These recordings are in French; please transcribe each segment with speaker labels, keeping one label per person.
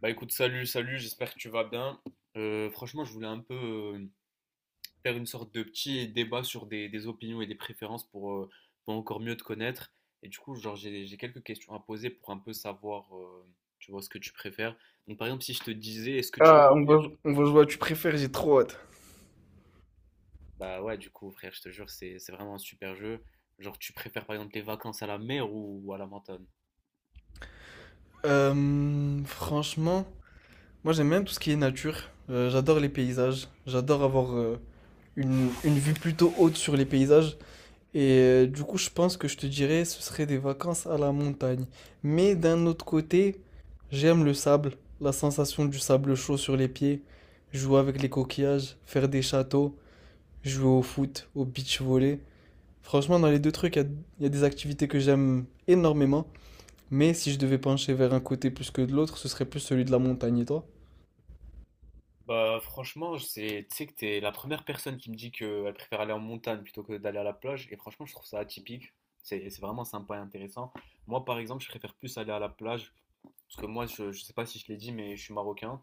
Speaker 1: Bah écoute, salut, salut, j'espère que tu vas bien. Franchement, je voulais un peu faire une sorte de petit débat sur des opinions et des préférences pour encore mieux te connaître. Et du coup, genre, j'ai quelques questions à poser pour un peu savoir, tu vois, ce que tu préfères. Donc par exemple, si je te disais, est-ce que tu...
Speaker 2: Ah, on va jouer à tu préfères, j'ai trop hâte.
Speaker 1: Bah ouais, du coup, frère, je te jure, c'est vraiment un super jeu. Genre, tu préfères par exemple les vacances à la mer ou à la montagne?
Speaker 2: Franchement, moi j'aime bien tout ce qui est nature. J'adore les paysages. J'adore avoir une vue plutôt haute sur les paysages. Et du coup, je pense que je te dirais ce serait des vacances à la montagne. Mais d'un autre côté, j'aime le sable, la sensation du sable chaud sur les pieds, jouer avec les coquillages, faire des châteaux, jouer au foot, au beach volley. Franchement, dans les deux trucs, il y a des activités que j'aime énormément. Mais si je devais pencher vers un côté plus que de l'autre, ce serait plus celui de la montagne, et toi?
Speaker 1: Bah franchement, tu sais que t'es la première personne qui me dit qu'elle préfère aller en montagne plutôt que d'aller à la plage. Et franchement, je trouve ça atypique. C'est vraiment sympa et intéressant. Moi, par exemple, je préfère plus aller à la plage. Parce que moi, je sais pas si je l'ai dit, mais je suis marocain.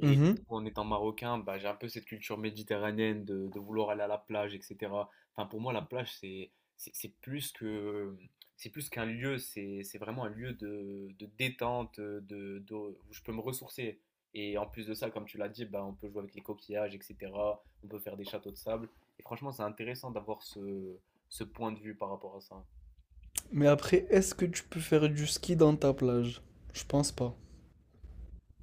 Speaker 1: Et du
Speaker 2: Mhm.
Speaker 1: coup, en étant marocain, bah, j'ai un peu cette culture méditerranéenne de vouloir aller à la plage, etc. Enfin, pour moi, la plage, c'est c'est plus que c'est plus qu'un lieu, c'est vraiment un lieu de détente, de- où je peux me ressourcer. Et en plus de ça, comme tu l'as dit, bah, on peut jouer avec les coquillages, etc. On peut faire des châteaux de sable. Et franchement, c'est intéressant d'avoir ce point de vue par rapport à ça.
Speaker 2: Mais après, est-ce que tu peux faire du ski dans ta plage? Je pense pas.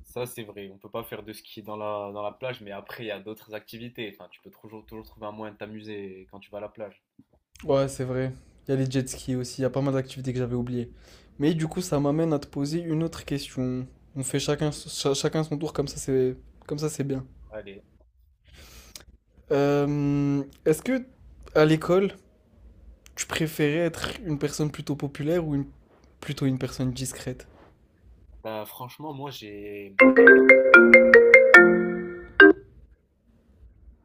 Speaker 1: Ça, c'est vrai. On peut pas faire de ski dans la plage, mais après, il y a d'autres activités. Enfin, tu peux toujours, toujours trouver un moyen de t'amuser quand tu vas à la plage.
Speaker 2: Ouais, c'est vrai. Il y a les jet skis aussi, il y a pas mal d'activités que j'avais oubliées. Mais du coup, ça m'amène à te poser une autre question. On fait chacun, chacun son tour, comme ça c'est bien.
Speaker 1: Allez,
Speaker 2: Est-ce que à l'école, tu préférais être une personne plutôt populaire ou une- plutôt une personne discrète?
Speaker 1: bah franchement, moi j'ai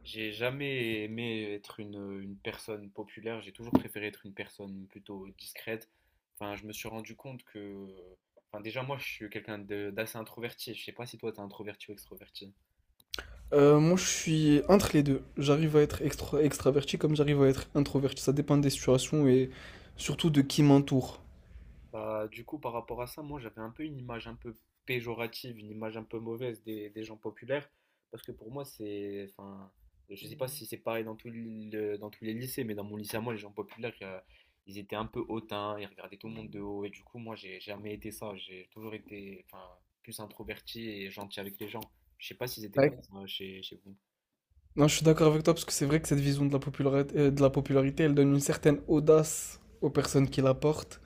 Speaker 1: j'ai jamais aimé être une personne populaire, j'ai toujours préféré être une personne plutôt discrète. Enfin, je me suis rendu compte enfin déjà moi je suis quelqu'un d'assez introverti. Je sais pas si toi t'es introverti ou extroverti.
Speaker 2: Moi, je suis entre les deux. J'arrive à être extraverti comme j'arrive à être introverti. Ça dépend des situations et surtout de qui m'entoure.
Speaker 1: Bah, du coup, par rapport à ça, moi j'avais un peu une image un peu péjorative, une image un peu mauvaise des gens populaires, parce que pour moi enfin, je sais pas si c'est pareil dans dans tous les lycées, mais dans mon lycée à moi, les gens populaires, ils étaient un peu hautains, ils regardaient tout le monde de haut, et du coup moi j'ai jamais été ça, j'ai toujours été, enfin, plus introverti et gentil avec les gens. Je sais pas s'ils étaient
Speaker 2: Ouais.
Speaker 1: comme ça chez vous.
Speaker 2: Non, je suis d'accord avec toi parce que c'est vrai que cette vision de la popularité, elle donne une certaine audace aux personnes qui la portent.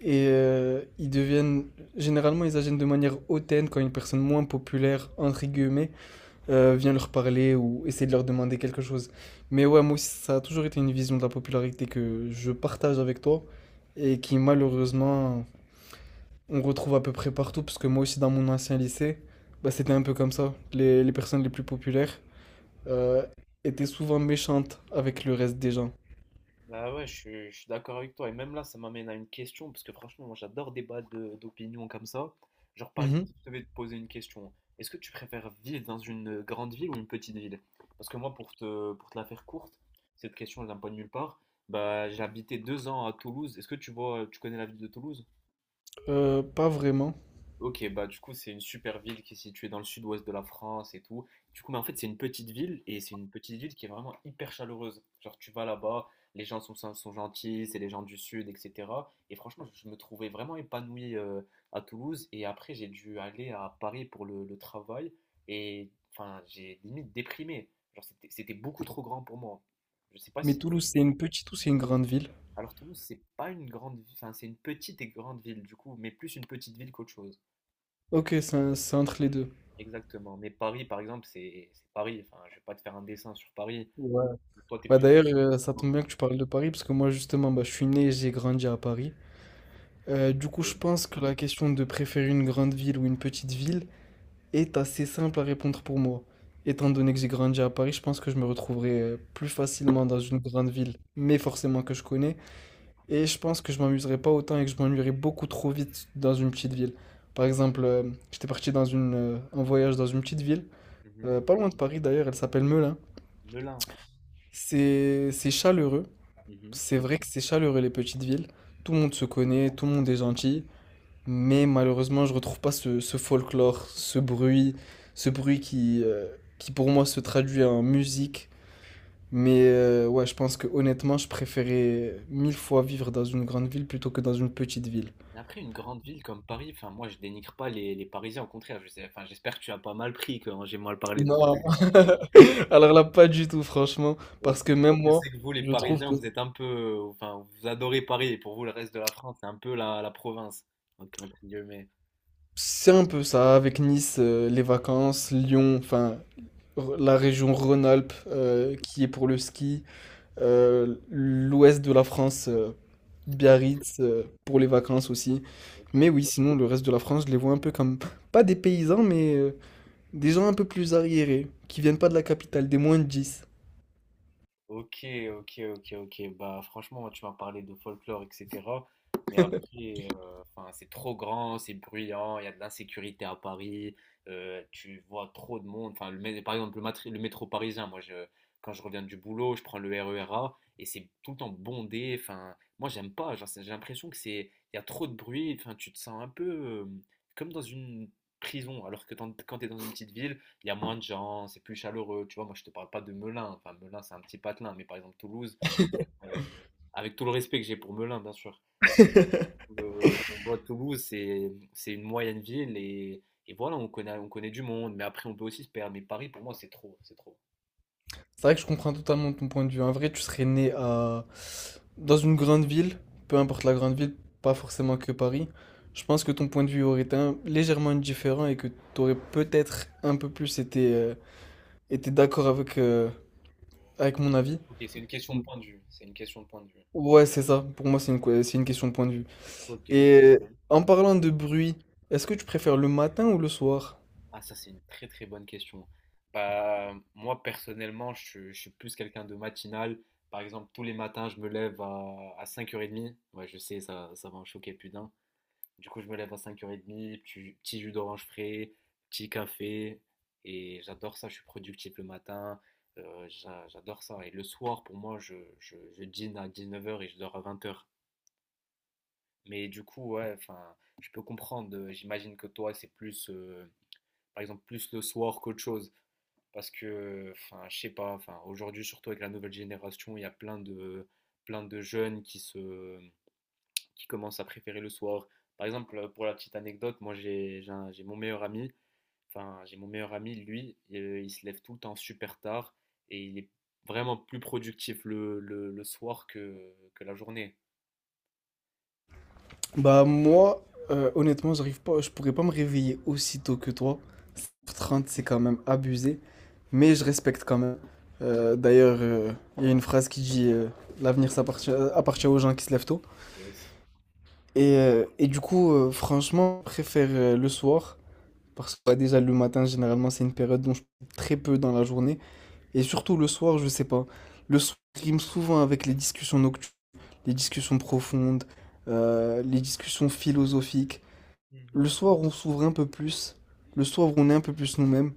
Speaker 2: Et généralement, ils agissent de manière hautaine quand une personne moins populaire, entre guillemets, viens leur parler ou essaie de leur demander quelque chose. Mais ouais, moi aussi, ça a toujours été une vision de la popularité que je partage avec toi et qui malheureusement on retrouve à peu près partout parce que moi aussi dans mon ancien lycée, bah, c'était un peu comme ça. Les personnes les plus populaires euh, étaient souvent méchantes avec le reste des gens.
Speaker 1: Bah ouais, je suis d'accord avec toi. Et même là, ça m'amène à une question, parce que franchement, moi j'adore débattre d'opinions comme ça. Genre, par exemple,
Speaker 2: Mhm.
Speaker 1: si je devais te poser une question, est-ce que tu préfères vivre dans une grande ville ou une petite ville? Parce que moi, pour te la faire courte, cette question, elle vient pas de nulle part. Bah, j'ai habité 2 ans à Toulouse. Est-ce que tu vois, tu connais la ville de Toulouse?
Speaker 2: Pas vraiment.
Speaker 1: Ok, bah du coup c'est une super ville qui est située dans le sud-ouest de la France et tout. Du coup, mais en fait c'est une petite ville et c'est une petite ville qui est vraiment hyper chaleureuse. Genre tu vas là-bas, les gens sont gentils, c'est les gens du sud, etc. Et franchement, je me trouvais vraiment épanoui à Toulouse et après j'ai dû aller à Paris pour le travail et enfin j'ai limite déprimé. Genre c'était beaucoup trop grand pour moi. Je sais pas
Speaker 2: Mais
Speaker 1: si t'es-
Speaker 2: Toulouse, c'est une petite ou c'est une grande ville?
Speaker 1: Alors Toulouse c'est pas une grande ville, enfin c'est une petite et grande ville du coup, mais plus une petite ville qu'autre chose.
Speaker 2: Ok, c'est entre les deux.
Speaker 1: Exactement. Mais Paris, par exemple, c'est Paris. Enfin, je vais pas te faire un dessin sur Paris.
Speaker 2: Ouais.
Speaker 1: Toi, t'es
Speaker 2: Bah
Speaker 1: plus.
Speaker 2: d'ailleurs, ça tombe bien que tu parles de Paris, parce que moi justement, bah, je suis né et j'ai grandi à Paris. Du coup, je pense que la question de préférer une grande ville ou une petite ville est assez simple à répondre pour moi. Étant donné que j'ai grandi à Paris, je pense que je me retrouverai plus facilement dans une grande ville, mais forcément que je connais. Et je pense que je m'amuserai pas autant et que je m'ennuierais beaucoup trop vite dans une petite ville. Par exemple, j'étais parti en voyage dans une petite ville,
Speaker 1: Mhm.
Speaker 2: pas loin de Paris d'ailleurs, elle s'appelle Melun.
Speaker 1: Melun.
Speaker 2: C'est chaleureux.
Speaker 1: Mhm.
Speaker 2: C'est vrai que c'est chaleureux les petites villes. Tout le monde se connaît, tout le monde est gentil. Mais malheureusement, je retrouve pas ce folklore, ce bruit qui pour moi se traduit en musique. Mais ouais, je pense que honnêtement, je préférais mille fois vivre dans une grande ville plutôt que dans une petite ville.
Speaker 1: Mais après, une grande ville comme Paris, enfin, moi, je dénigre pas les Parisiens. Au contraire, je sais, enfin, j'espère que tu as pas mal pris quand j'ai mal parlé de.
Speaker 2: Non, alors là, pas du tout, franchement,
Speaker 1: Ok.
Speaker 2: parce que
Speaker 1: Parce que
Speaker 2: même
Speaker 1: je
Speaker 2: moi,
Speaker 1: sais que vous, les
Speaker 2: je trouve
Speaker 1: Parisiens,
Speaker 2: que
Speaker 1: vous êtes un peu, enfin, vous adorez Paris. Et pour vous, le reste de la France, c'est un peu la province. Donc, entre guillemets.
Speaker 2: c'est un peu ça avec Nice, les vacances, Lyon, enfin la région Rhône-Alpes qui est pour le ski, l'ouest de la France Biarritz pour les vacances aussi. Mais
Speaker 1: Ok.
Speaker 2: oui, sinon, le reste de la France, je les vois un peu comme, pas des paysans, mais des gens un peu plus arriérés, qui viennent pas de la capitale, des moins de 10.
Speaker 1: Ok, ok, ok, ok. Bah, franchement, tu m'as parlé de folklore, etc. Mais après, enfin, c'est trop grand, c'est bruyant, il y a de l'insécurité à Paris, tu vois trop de monde. Enfin, par exemple, le métro parisien, moi, quand je reviens du boulot, je prends le RER et c'est tout le temps bondé. Enfin, moi, j'aime pas. Genre, j'ai l'impression que il y a trop de bruit. Enfin, tu te sens un peu comme dans une prison, alors que quand tu es dans une petite ville, il y a moins de gens, c'est plus chaleureux. Tu vois, moi, je te parle pas de Melun. Enfin, Melun, c'est un petit patelin, mais par exemple, Toulouse, euh, avec tout le respect que j'ai pour Melun, bien sûr.
Speaker 2: C'est
Speaker 1: Tu vois, Toulouse, c'est une moyenne ville et voilà, on connaît du monde, mais après, on peut aussi se perdre. Mais Paris, pour moi, c'est trop, c'est trop.
Speaker 2: vrai que je comprends totalement ton point de vue. En vrai, tu serais né à... dans une grande ville, peu importe la grande ville, pas forcément que Paris. Je pense que ton point de vue aurait été légèrement différent et que tu aurais peut-être un peu plus été, été d'accord avec, avec mon avis.
Speaker 1: Ok, c'est une question de point de vue. C'est une question de point de vue.
Speaker 2: Ouais, c'est ça. Pour moi, c'est une question de point de vue.
Speaker 1: Ok.
Speaker 2: Et en parlant de bruit, est-ce que tu préfères le matin ou le soir?
Speaker 1: Ah, ça, c'est une très très bonne question. Bah, moi, personnellement, je suis plus quelqu'un de matinal. Par exemple, tous les matins, je me lève à 5h30. Ouais, je sais, ça va en choquer, plus d'un. Du coup, je me lève à cinq heures 30 petit jus d'orange frais, petit café. Et j'adore ça, je suis productif le matin. J'adore ça. Et le soir, pour moi, je dîne à 19 heures et je dors à 20 heures. Mais du coup, ouais, enfin, je peux comprendre. J'imagine que toi, c'est plus, par exemple, plus le soir qu'autre chose. Parce que, enfin, je sais pas, enfin, aujourd'hui, surtout avec la nouvelle génération, il y a plein de jeunes qui qui commencent à préférer le soir. Par exemple, pour la petite anecdote, moi j'ai mon meilleur ami, enfin j'ai mon meilleur ami, lui, il se lève tout le temps super tard et il est vraiment plus productif le soir que la journée.
Speaker 2: Bah moi, honnêtement, j'arrive pas, je pourrais pas me réveiller aussi tôt que toi. 7h30, c'est quand même abusé, mais je respecte quand même. Euh, d'ailleurs, euh, il y a une phrase qui dit l'avenir appartient aux gens qui se lèvent tôt.
Speaker 1: Yes.
Speaker 2: Et du coup, franchement, je préfère le soir, parce que bah, déjà le matin, généralement, c'est une période dont je fais très peu dans la journée. Et surtout le soir, je sais pas. Le soir rime souvent avec les discussions nocturnes. Les discussions profondes, les discussions philosophiques.
Speaker 1: Mhm.
Speaker 2: Le soir, on s'ouvre un peu plus. Le soir, on est un peu plus nous-mêmes.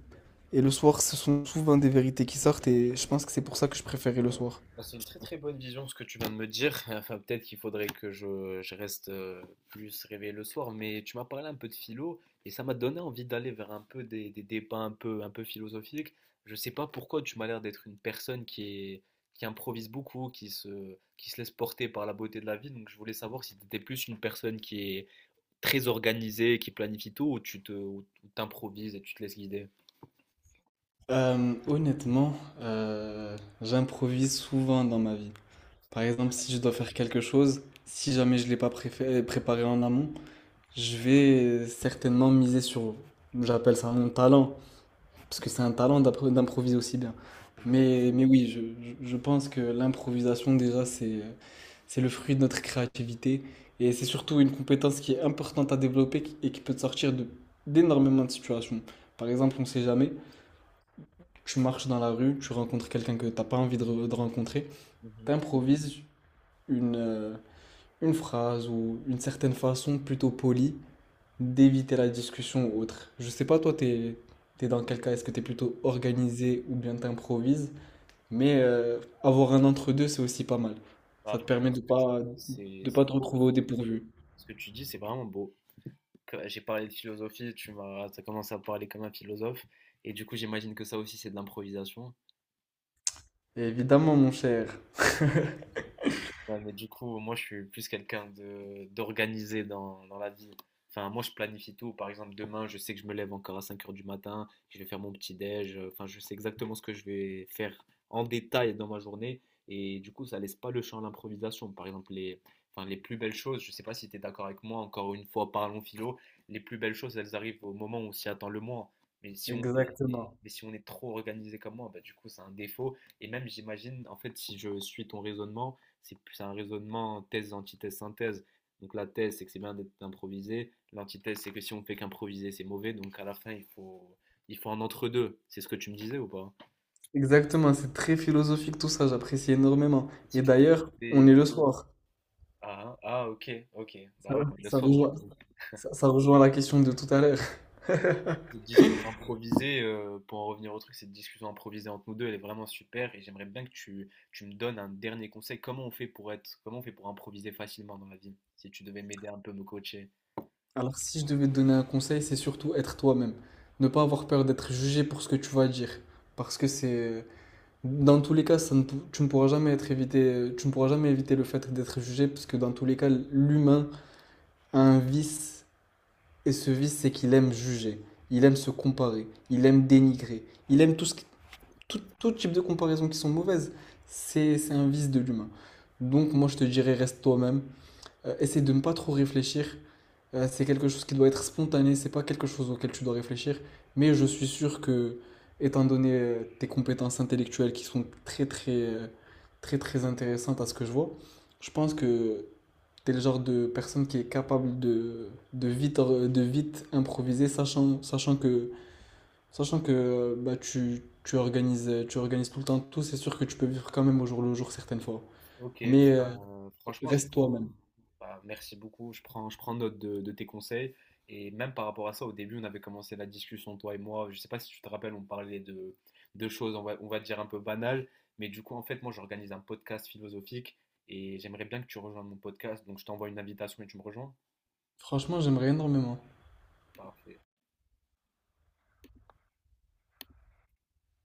Speaker 2: Et le soir, ce sont souvent des vérités qui sortent et je pense que c'est pour ça que je préférais le soir.
Speaker 1: Bah, c'est une très très bonne vision ce que tu viens de me dire. Enfin, peut-être qu'il faudrait que je reste plus réveillé le soir, mais tu m'as parlé un peu de philo et ça m'a donné envie d'aller vers un peu des débats un peu philosophiques. Je sais pas pourquoi tu m'as l'air d'être une personne qui improvise beaucoup, qui se laisse porter par la beauté de la vie, donc je voulais savoir si tu étais plus une personne qui est très organisée, qui planifie tout, ou ou t'improvises et tu te laisses guider.
Speaker 2: Euh, honnêtement, J'improvise souvent dans ma vie. Par exemple, si je dois faire quelque chose, si jamais je ne l'ai pas préparé en amont, je vais certainement j'appelle ça mon talent, parce que c'est un talent d'improviser aussi bien.
Speaker 1: C'est vrai.
Speaker 2: Mais oui, je pense que l'improvisation, déjà, c'est le fruit de notre créativité. Et c'est surtout une compétence qui est importante à développer et qui peut te sortir de, d'énormément de situations. Par exemple, on ne sait jamais, tu marches dans la rue, tu rencontres quelqu'un que tu n'as pas envie de, de rencontrer,
Speaker 1: Mhm.
Speaker 2: tu improvises une, euh, une phrase ou une certaine façon plutôt polie d'éviter la discussion ou autre. Je sais pas, toi, t'es dans quel cas? Est-ce que t'es plutôt organisé ou bien t'improvises? Mais avoir un entre-deux, c'est aussi pas mal.
Speaker 1: Bah,
Speaker 2: Ça te permet
Speaker 1: franchement, ce que tu dis, c'est
Speaker 2: de
Speaker 1: c'est
Speaker 2: pas te
Speaker 1: beau.
Speaker 2: retrouver au dépourvu.
Speaker 1: Ce que tu dis, c'est vraiment beau. J'ai parlé de philosophie, t'as commencé à parler comme un philosophe, et du coup j'imagine que ça aussi c'est de l'improvisation.
Speaker 2: Évidemment, mon cher.
Speaker 1: Ouais, mais du coup, moi, je suis plus quelqu'un de d'organisé dans la vie. Enfin, moi, je planifie tout. Par exemple, demain, je sais que je me lève encore à 5 heures du matin, que je vais faire mon petit déj. Enfin, je sais exactement ce que je vais faire en détail dans ma journée. Et du coup, ça laisse pas le champ à l'improvisation. Par exemple, enfin, les plus belles choses, je sais pas si tu es d'accord avec moi, encore une fois, parlons philo, les plus belles choses, elles arrivent au moment où on s'y attend le moins. Mais si on est,
Speaker 2: Exactement.
Speaker 1: mais si on est trop organisé comme moi, bah, du coup, c'est un défaut. Et même, j'imagine, en fait, si je suis ton raisonnement, c'est plus un raisonnement thèse, antithèse, synthèse. Donc la thèse, c'est que c'est bien d'être improvisé. L'antithèse, c'est que si on ne fait qu'improviser, c'est mauvais. Donc à la fin, il faut un entre-deux. C'est ce que tu me disais ou pas?
Speaker 2: Exactement, c'est très philosophique tout ça, j'apprécie énormément.
Speaker 1: Et si
Speaker 2: Et
Speaker 1: tu
Speaker 2: d'ailleurs, on
Speaker 1: fais-
Speaker 2: est le soir.
Speaker 1: Ah, ah, ok, ok.
Speaker 2: Ça,
Speaker 1: Bah ouais, on est le
Speaker 2: ça
Speaker 1: soir, du
Speaker 2: rejoint,
Speaker 1: coup.
Speaker 2: ça rejoint la question de tout à l'heure.
Speaker 1: Cette discussion improvisée, pour en revenir au truc, cette discussion improvisée entre nous deux, elle est vraiment super. Et j'aimerais bien que tu me donnes un dernier conseil. Comment on fait pour improviser facilement dans la vie? Si tu devais m'aider un peu, me coacher.
Speaker 2: Alors, si je devais te donner un conseil, c'est surtout être toi-même. Ne pas avoir peur d'être jugé pour ce que tu vas dire. Parce que c'est... Dans tous les cas, ça ne pou- tu ne pourras jamais être évité, tu ne pourras jamais éviter le fait d'être jugé, parce que dans tous les cas, l'humain a un vice, et ce vice, c'est qu'il aime juger, il aime se comparer, il aime dénigrer, il aime tout, ce qui- tout, tout type de comparaisons qui sont mauvaises. C'est un vice de l'humain. Donc moi, je te dirais, reste toi-même, essaie de ne pas trop réfléchir. C'est quelque chose qui doit être spontané, c'est pas quelque chose auquel tu dois réfléchir. Mais je suis sûr que, étant donné tes compétences intellectuelles qui sont très très très très intéressantes à ce que je vois, je pense que tu es le genre de personne qui est capable de, de vite improviser, sachant que bah, tu organises tout le temps tout. C'est sûr que tu peux vivre quand même au jour le jour certaines fois.
Speaker 1: OK,
Speaker 2: Mais
Speaker 1: ben, franchement,
Speaker 2: reste toi-même.
Speaker 1: bah, merci beaucoup. Je prends note de tes conseils. Et même par rapport à ça, au début, on avait commencé la discussion, toi et moi. Je sais pas si tu te rappelles, on parlait de choses, on va dire un peu banales. Mais du coup, en fait, moi, j'organise un podcast philosophique et j'aimerais bien que tu rejoignes mon podcast. Donc, je t'envoie une invitation et tu me rejoins.
Speaker 2: Franchement, j'aimerais énormément.
Speaker 1: Parfait.